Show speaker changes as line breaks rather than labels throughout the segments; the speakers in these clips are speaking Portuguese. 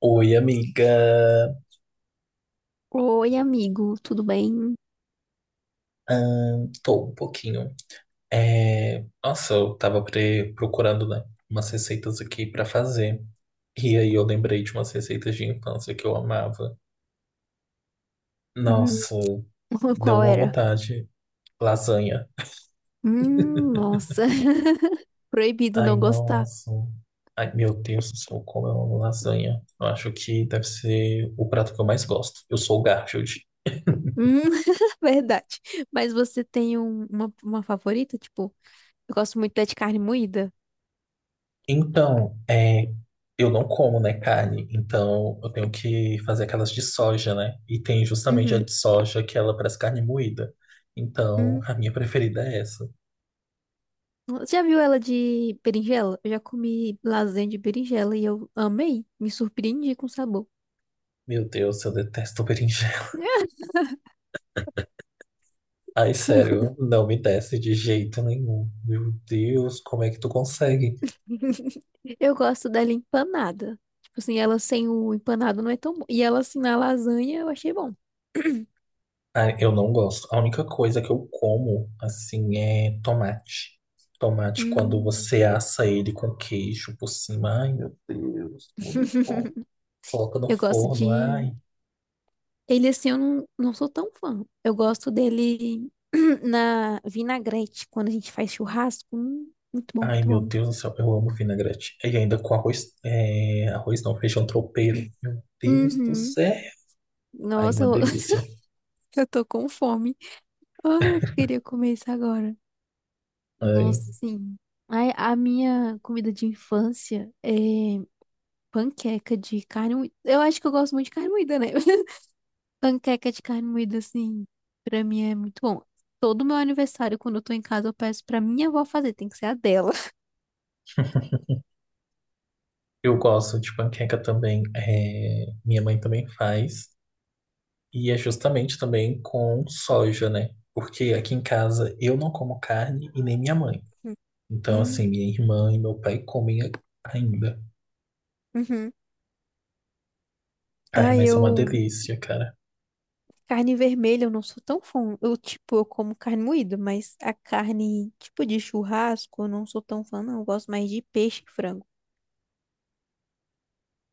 Oi, amiga.
Oi, amigo, tudo bem?
Tô um pouquinho. Nossa, eu tava procurando, né, umas receitas aqui pra fazer. E aí eu lembrei de umas receitas de infância que eu amava.
Hum,
Nossa, deu
Qual
uma
era?
vontade. Lasanha.
Nossa, proibido
Ai,
não gostar.
nossa. Ai, meu Deus do céu, como eu amo lasanha. Eu acho que deve ser o prato que eu mais gosto. Eu sou o Garfield.
Hum, verdade. Mas você tem uma favorita? Tipo, eu gosto muito da de carne moída.
Então, é, eu não como, né, carne. Então, eu tenho que fazer aquelas de soja, né? E tem justamente a
Uhum.
de soja que ela parece carne moída. Então,
Hum,
a minha preferida é essa.
Você já viu ela de berinjela? Eu já comi lasanha de berinjela e eu amei. Me surpreendi com o sabor.
Meu Deus, eu detesto berinjela. Ai, sério, não me desce de jeito nenhum. Meu Deus, como é que tu consegue?
Eu gosto dela empanada. Tipo assim, ela sem o empanado não é tão bom. E ela assim na lasanha eu achei bom.
Ai, eu não gosto. A única coisa que eu como, assim, é tomate. Tomate, quando
Hum.
você assa ele com queijo por cima. Ai, meu Deus, muito bom. Coloca no
Eu gosto
forno,
de.
ai.
Ele, assim, eu não sou tão fã. Eu gosto dele na vinagrete, quando a gente faz churrasco. Muito bom,
Ai,
muito
meu
bom.
Deus do céu, eu amo vinagrete. E ainda com arroz, é, arroz não, feijão tropeiro. Meu Deus do
Uhum.
céu. Ai,
Nossa,
uma delícia.
eu tô com fome. Ai, eu queria comer isso agora.
Ai,
Nossa, sim. Ai, a minha comida de infância é panqueca de carne moída. Eu acho que eu gosto muito de carne moída, né? Panqueca de carne moída, assim, pra mim é muito bom. Todo meu aniversário, quando eu tô em casa, eu peço pra minha avó fazer. Tem que ser a dela.
eu gosto de panqueca também. É, minha mãe também faz. E é justamente também com soja, né? Porque aqui em casa eu não como carne e nem minha mãe. Então,
Uhum.
assim, minha irmã e meu pai comem ainda.
Uhum.
Ai,
Ah,
mas é uma
eu.
delícia, cara.
Carne vermelha, eu não sou tão fã. Eu, tipo, eu como carne moída, mas a carne, tipo, de churrasco, eu não sou tão fã, não. Eu gosto mais de peixe e frango.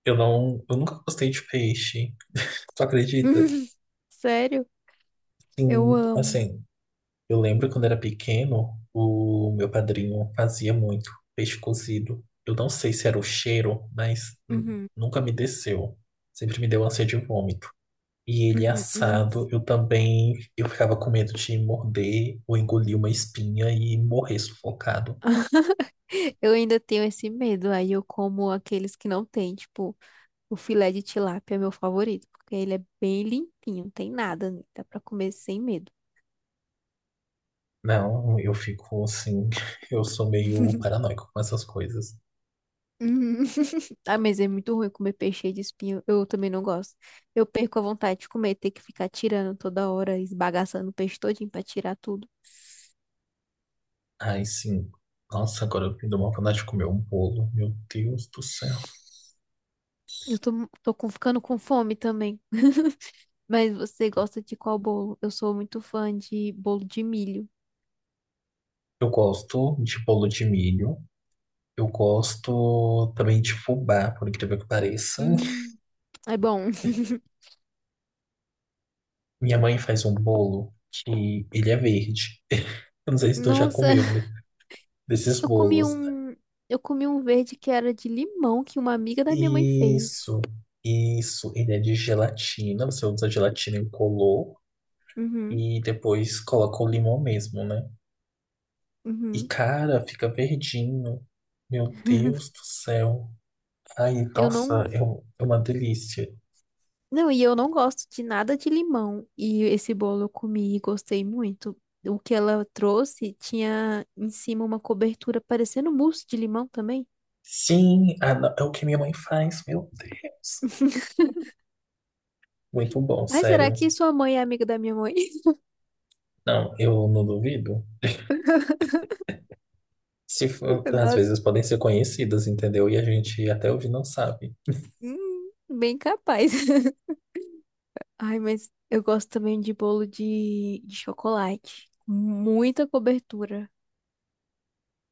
Eu não, eu nunca gostei de peixe. Tu acredita?
Sério? Eu
Sim,
amo.
assim, eu lembro quando era pequeno, o meu padrinho fazia muito peixe cozido. Eu não sei se era o cheiro, mas
Uhum.
nunca me desceu. Sempre me deu ânsia de vômito. E ele
Uhum. Nossa.
assado, eu também, eu ficava com medo de morder ou engolir uma espinha e morrer sufocado.
Eu ainda tenho esse medo. Aí eu como aqueles que não tem. Tipo, o filé de tilápia é meu favorito, porque ele é bem limpinho, não tem nada nele. Dá pra comer sem medo.
Não, eu fico assim, eu sou meio paranoico com essas coisas.
Uhum. Ah, mas é muito ruim comer peixe cheio de espinho. Eu também não gosto. Eu perco a vontade de comer, ter que ficar tirando toda hora, esbagaçando o peixe todinho pra tirar tudo.
Ai, sim. Nossa, agora eu me dou uma vontade de comer um bolo. Meu Deus do céu.
Eu tô ficando com fome também. Mas você gosta de qual bolo? Eu sou muito fã de bolo de milho.
Eu gosto de bolo de milho. Eu gosto também de fubá, por incrível que pareça.
Hum, É bom.
Minha mãe faz um bolo que ele é verde. Eu não sei se tu já
Nossa,
comeu desses
eu comi
bolos.
um, eu comi um verde que era de limão que uma amiga da minha mãe fez.
Isso, isso. Ele é de gelatina. Você usa gelatina incolor
Uhum,
e depois coloca o limão mesmo, né? E
uhum.
cara, fica verdinho. Meu Deus do céu. Ai,
Eu
nossa,
não.
é uma delícia.
Não, e eu não gosto de nada de limão. E esse bolo eu comi e gostei muito. O que ela trouxe tinha em cima uma cobertura parecendo mousse de limão também.
Sim, ah, não, é o que minha mãe faz, meu Deus. Muito bom,
Ai, será
sério.
que sua mãe é amiga da minha mãe?
Não, eu não duvido. Se for- Às
Nossa,
vezes podem ser conhecidas, entendeu? E a gente até hoje não sabe.
bem capaz. Ai, mas eu gosto também de bolo de chocolate. Muita cobertura.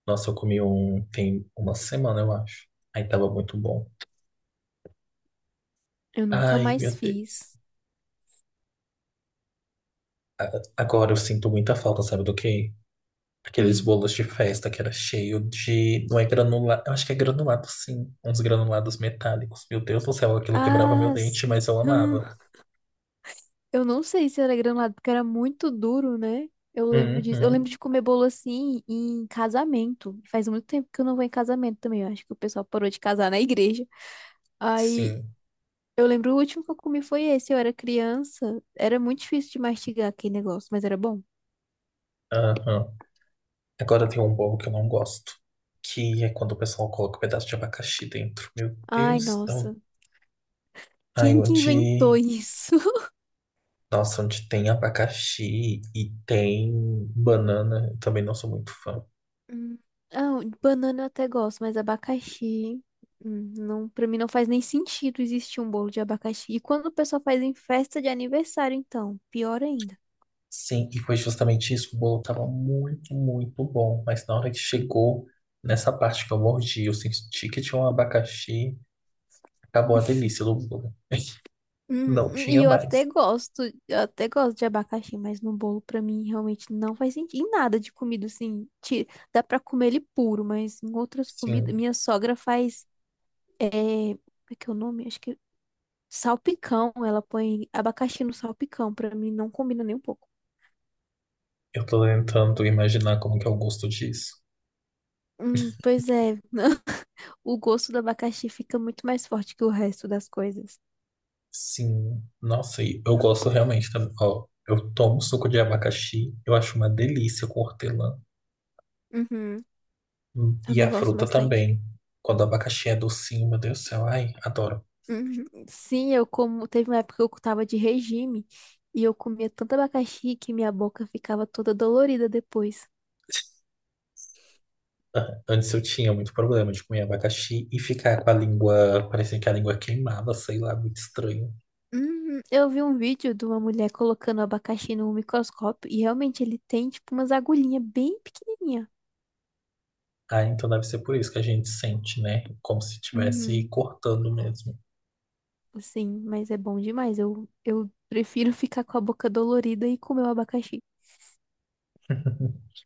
Nossa, eu comi um tem uma semana, eu acho. Aí tava muito bom.
Eu nunca
Ai,
mais
meu Deus.
fiz.
A- Agora eu sinto muita falta, sabe do quê? Aqueles
Hum.
bolos de festa que era cheio de. Não é granulado. Eu acho que é granulado, sim. Uns granulados metálicos. Meu Deus do céu, aquilo quebrava meu
Ah,
dente, mas
sim.
eu amava.
Eu não sei se era granulado, porque era muito duro, né? Eu lembro disso. Eu
Uhum,
lembro de comer bolo assim em casamento. Faz muito tempo que eu não vou em casamento também. Eu acho que o pessoal parou de casar na igreja. Aí
sim.
eu lembro o último que eu comi foi esse. Eu era criança. Era muito difícil de mastigar aquele negócio, mas era bom.
Aham. Agora tem um bolo que eu não gosto, que é quando o pessoal coloca um pedaço de abacaxi dentro. Meu
Ai,
Deus, não.
nossa.
Aí
Quem que inventou
onde.
isso?
Nossa, onde tem abacaxi e tem banana, eu também não sou muito fã.
Hum. Ah, banana eu até gosto, mas abacaxi. Não, para mim não faz nem sentido existir um bolo de abacaxi. E quando o pessoal faz em festa de aniversário, então, pior ainda.
Sim, e foi justamente isso. O bolo tava muito, muito bom, mas na hora que chegou nessa parte que eu mordi, eu senti que tinha um abacaxi, acabou a delícia do bolo.
Hum,
Não
hum,
tinha
e
mais.
eu até gosto de abacaxi, mas no bolo pra mim realmente não faz sentido. Em nada de comida, assim, dá pra comer ele puro, mas em outras comidas,
Sim,
minha sogra faz, como é que é o nome? Acho que salpicão, ela põe abacaxi no salpicão, pra mim não combina nem um pouco.
eu tô tentando imaginar como que é o gosto disso.
Pois é, o gosto do abacaxi fica muito mais forte que o resto das coisas.
Sim, nossa, e eu gosto realmente também. Ó, eu tomo suco de abacaxi, eu acho uma delícia com hortelã.
Uhum.
E
Também
a
gosto
fruta
bastante.
também. Quando o abacaxi é docinho, meu Deus do céu, ai, adoro.
Uhum. Sim, eu como. Teve uma época que eu tava de regime e eu comia tanto abacaxi que minha boca ficava toda dolorida depois.
Antes eu tinha muito problema de comer abacaxi e ficar com a língua, parecia que a língua queimava, sei lá, muito estranho.
Uhum. Eu vi um vídeo de uma mulher colocando abacaxi no microscópio e realmente ele tem tipo umas agulhinhas bem pequenininha.
Ah, então deve ser por isso que a gente sente, né? Como se estivesse
Uhum.
cortando mesmo.
Assim, mas é bom demais. Eu prefiro ficar com a boca dolorida e comer o abacaxi.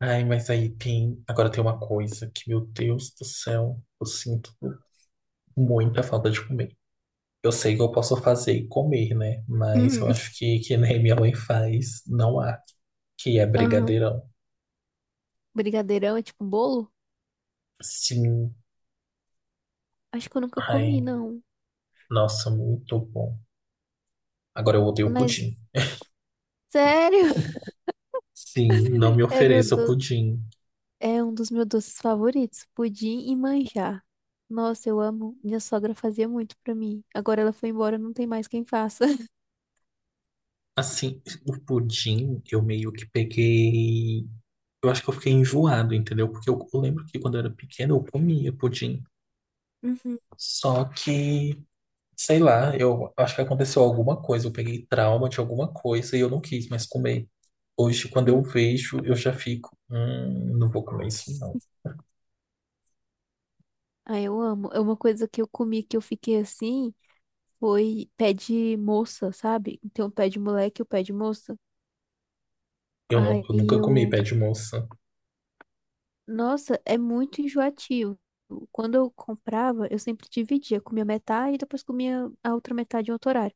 Ai, mas aí tem. Agora tem uma coisa que, meu Deus do céu, eu sinto muita falta de comer. Eu sei que eu posso fazer e comer, né? Mas eu
Uhum.
acho que nem minha mãe faz, não há. Que é
Aham.
brigadeirão.
Brigadeirão é tipo um bolo?
Sim.
Acho que eu nunca comi,
Ai,
não.
nossa, muito bom. Agora eu odeio
Mas,
pudim.
sério,
Sim, não me
é meu
ofereça o
do...
pudim.
é um dos meus doces favoritos, pudim e manjar. Nossa, eu amo. Minha sogra fazia muito pra mim. Agora ela foi embora, não tem mais quem faça.
Assim, o pudim eu meio que peguei. Eu acho que eu fiquei enjoado, entendeu? Porque eu lembro que quando eu era pequeno eu comia pudim.
Uhum,
Só que sei lá, eu acho que aconteceu alguma coisa, eu peguei trauma de alguma coisa e eu não quis mais comer. Hoje, quando eu
uhum.
vejo, eu já fico, não vou comer isso, não.
Ah, eu amo. É uma coisa que eu comi que eu fiquei assim, foi pé de moça, sabe? Então, pé de moleque e o pé de moça.
Eu,
Aí
eu nunca comi
eu,
pé de moça.
nossa, é muito enjoativo. Quando eu comprava, eu sempre dividia, comia metade e depois comia a outra metade em outro horário.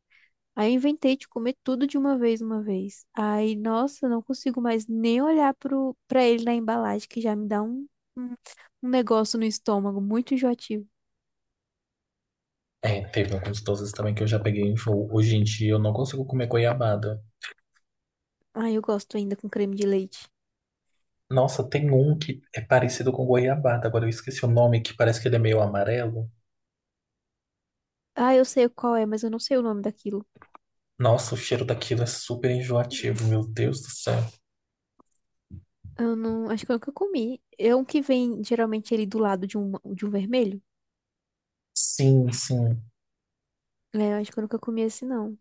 Aí eu inventei de comer tudo de uma vez, uma vez. Aí, nossa, eu não consigo mais nem olhar pra ele na embalagem, que já me dá um, um negócio no estômago, muito enjoativo.
É, teve alguns doces também que eu já peguei em voo. Hoje em dia eu não consigo comer goiabada.
Ai, eu gosto ainda com creme de leite.
Nossa, tem um que é parecido com goiabada, agora eu esqueci o nome, que parece que ele é meio amarelo.
Ah, eu sei qual é, mas eu não sei o nome daquilo.
Nossa, o cheiro daquilo é super enjoativo, meu Deus do céu.
Eu não, acho que eu nunca comi. É um que vem, geralmente, ele do lado de um vermelho.
Sim, sim.
É, eu acho que eu nunca comi esse, não.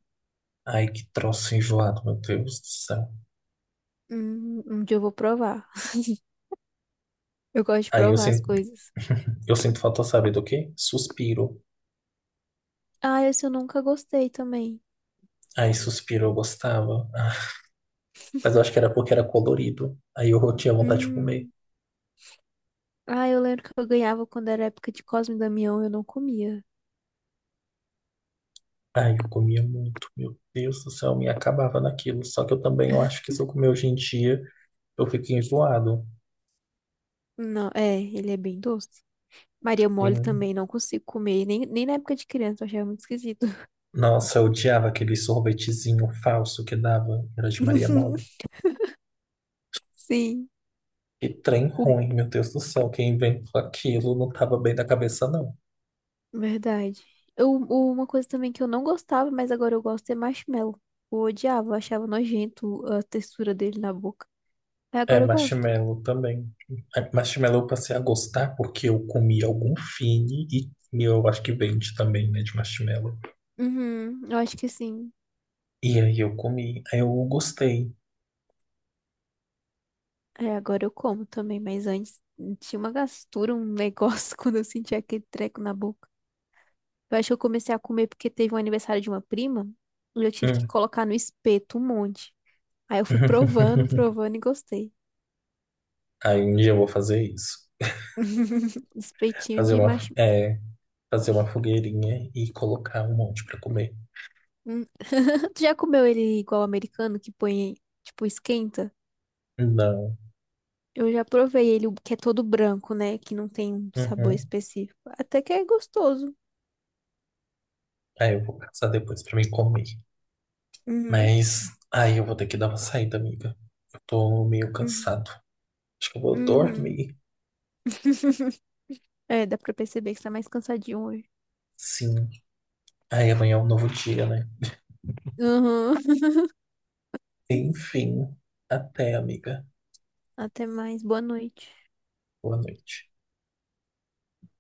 Ai, que troço enjoado, meu Deus do céu.
Um dia eu vou provar. Eu gosto de
Aí eu
provar as
sinto
coisas.
eu sinto falta, sabe do quê? Suspiro.
Ah, esse eu nunca gostei também.
Aí suspiro eu gostava. Mas eu acho que era porque era colorido. Aí eu tinha vontade de comer.
Hum. Ah, eu lembro que eu ganhava quando era época de Cosme e Damião, eu não comia.
Ai, eu comia muito. Meu Deus do céu, eu me acabava naquilo. Só que eu também eu acho que se eu comer hoje em dia, eu fico enjoado.
Não, ele é bem doce. Maria
E,
Mole também não consigo comer, nem na época de criança, eu achava muito esquisito.
nossa, eu odiava aquele sorvetezinho falso que dava. Era de Maria Mole.
Sim,
Que trem
o-
ruim, meu Deus do céu. Quem inventou aquilo não tava bem da cabeça, não.
verdade. Uma coisa também que eu não gostava, mas agora eu gosto é marshmallow. Eu odiava, eu achava nojento a textura dele na boca. Aí
É,
agora eu gosto.
marshmallow também. É, marshmallow eu passei a gostar porque eu comi algum fine e eu acho que vende também, né, de marshmallow.
Uhum, eu acho que sim.
E aí eu comi, aí eu gostei.
É, agora eu como também, mas antes tinha uma gastura, um negócio quando eu sentia aquele treco na boca. Eu acho que eu comecei a comer porque teve um aniversário de uma prima e eu tive que
Hum.
colocar no espeto um monte. Aí eu fui provando, provando e gostei.
Aí um dia eu vou fazer isso.
Espetinho
Fazer
de
uma,
macho.
é, fazer uma fogueirinha e colocar um monte pra comer.
Hum. Tu já comeu ele igual americano, que põe, tipo, esquenta?
Não.
Eu já provei ele, o que é todo branco, né? Que não tem um sabor
Uhum.
específico. Até que é gostoso.
Aí eu vou caçar depois pra me comer.
Uhum,
Mas aí eu vou ter que dar uma saída, amiga. Eu tô meio
uhum,
cansado. Acho que eu vou
uhum.
dormir.
É, dá pra perceber que você tá mais cansadinho hoje.
Sim. Aí amanhã é um novo dia, né?
Uhum.
Enfim, até, amiga.
Até mais. Boa noite.
Boa noite.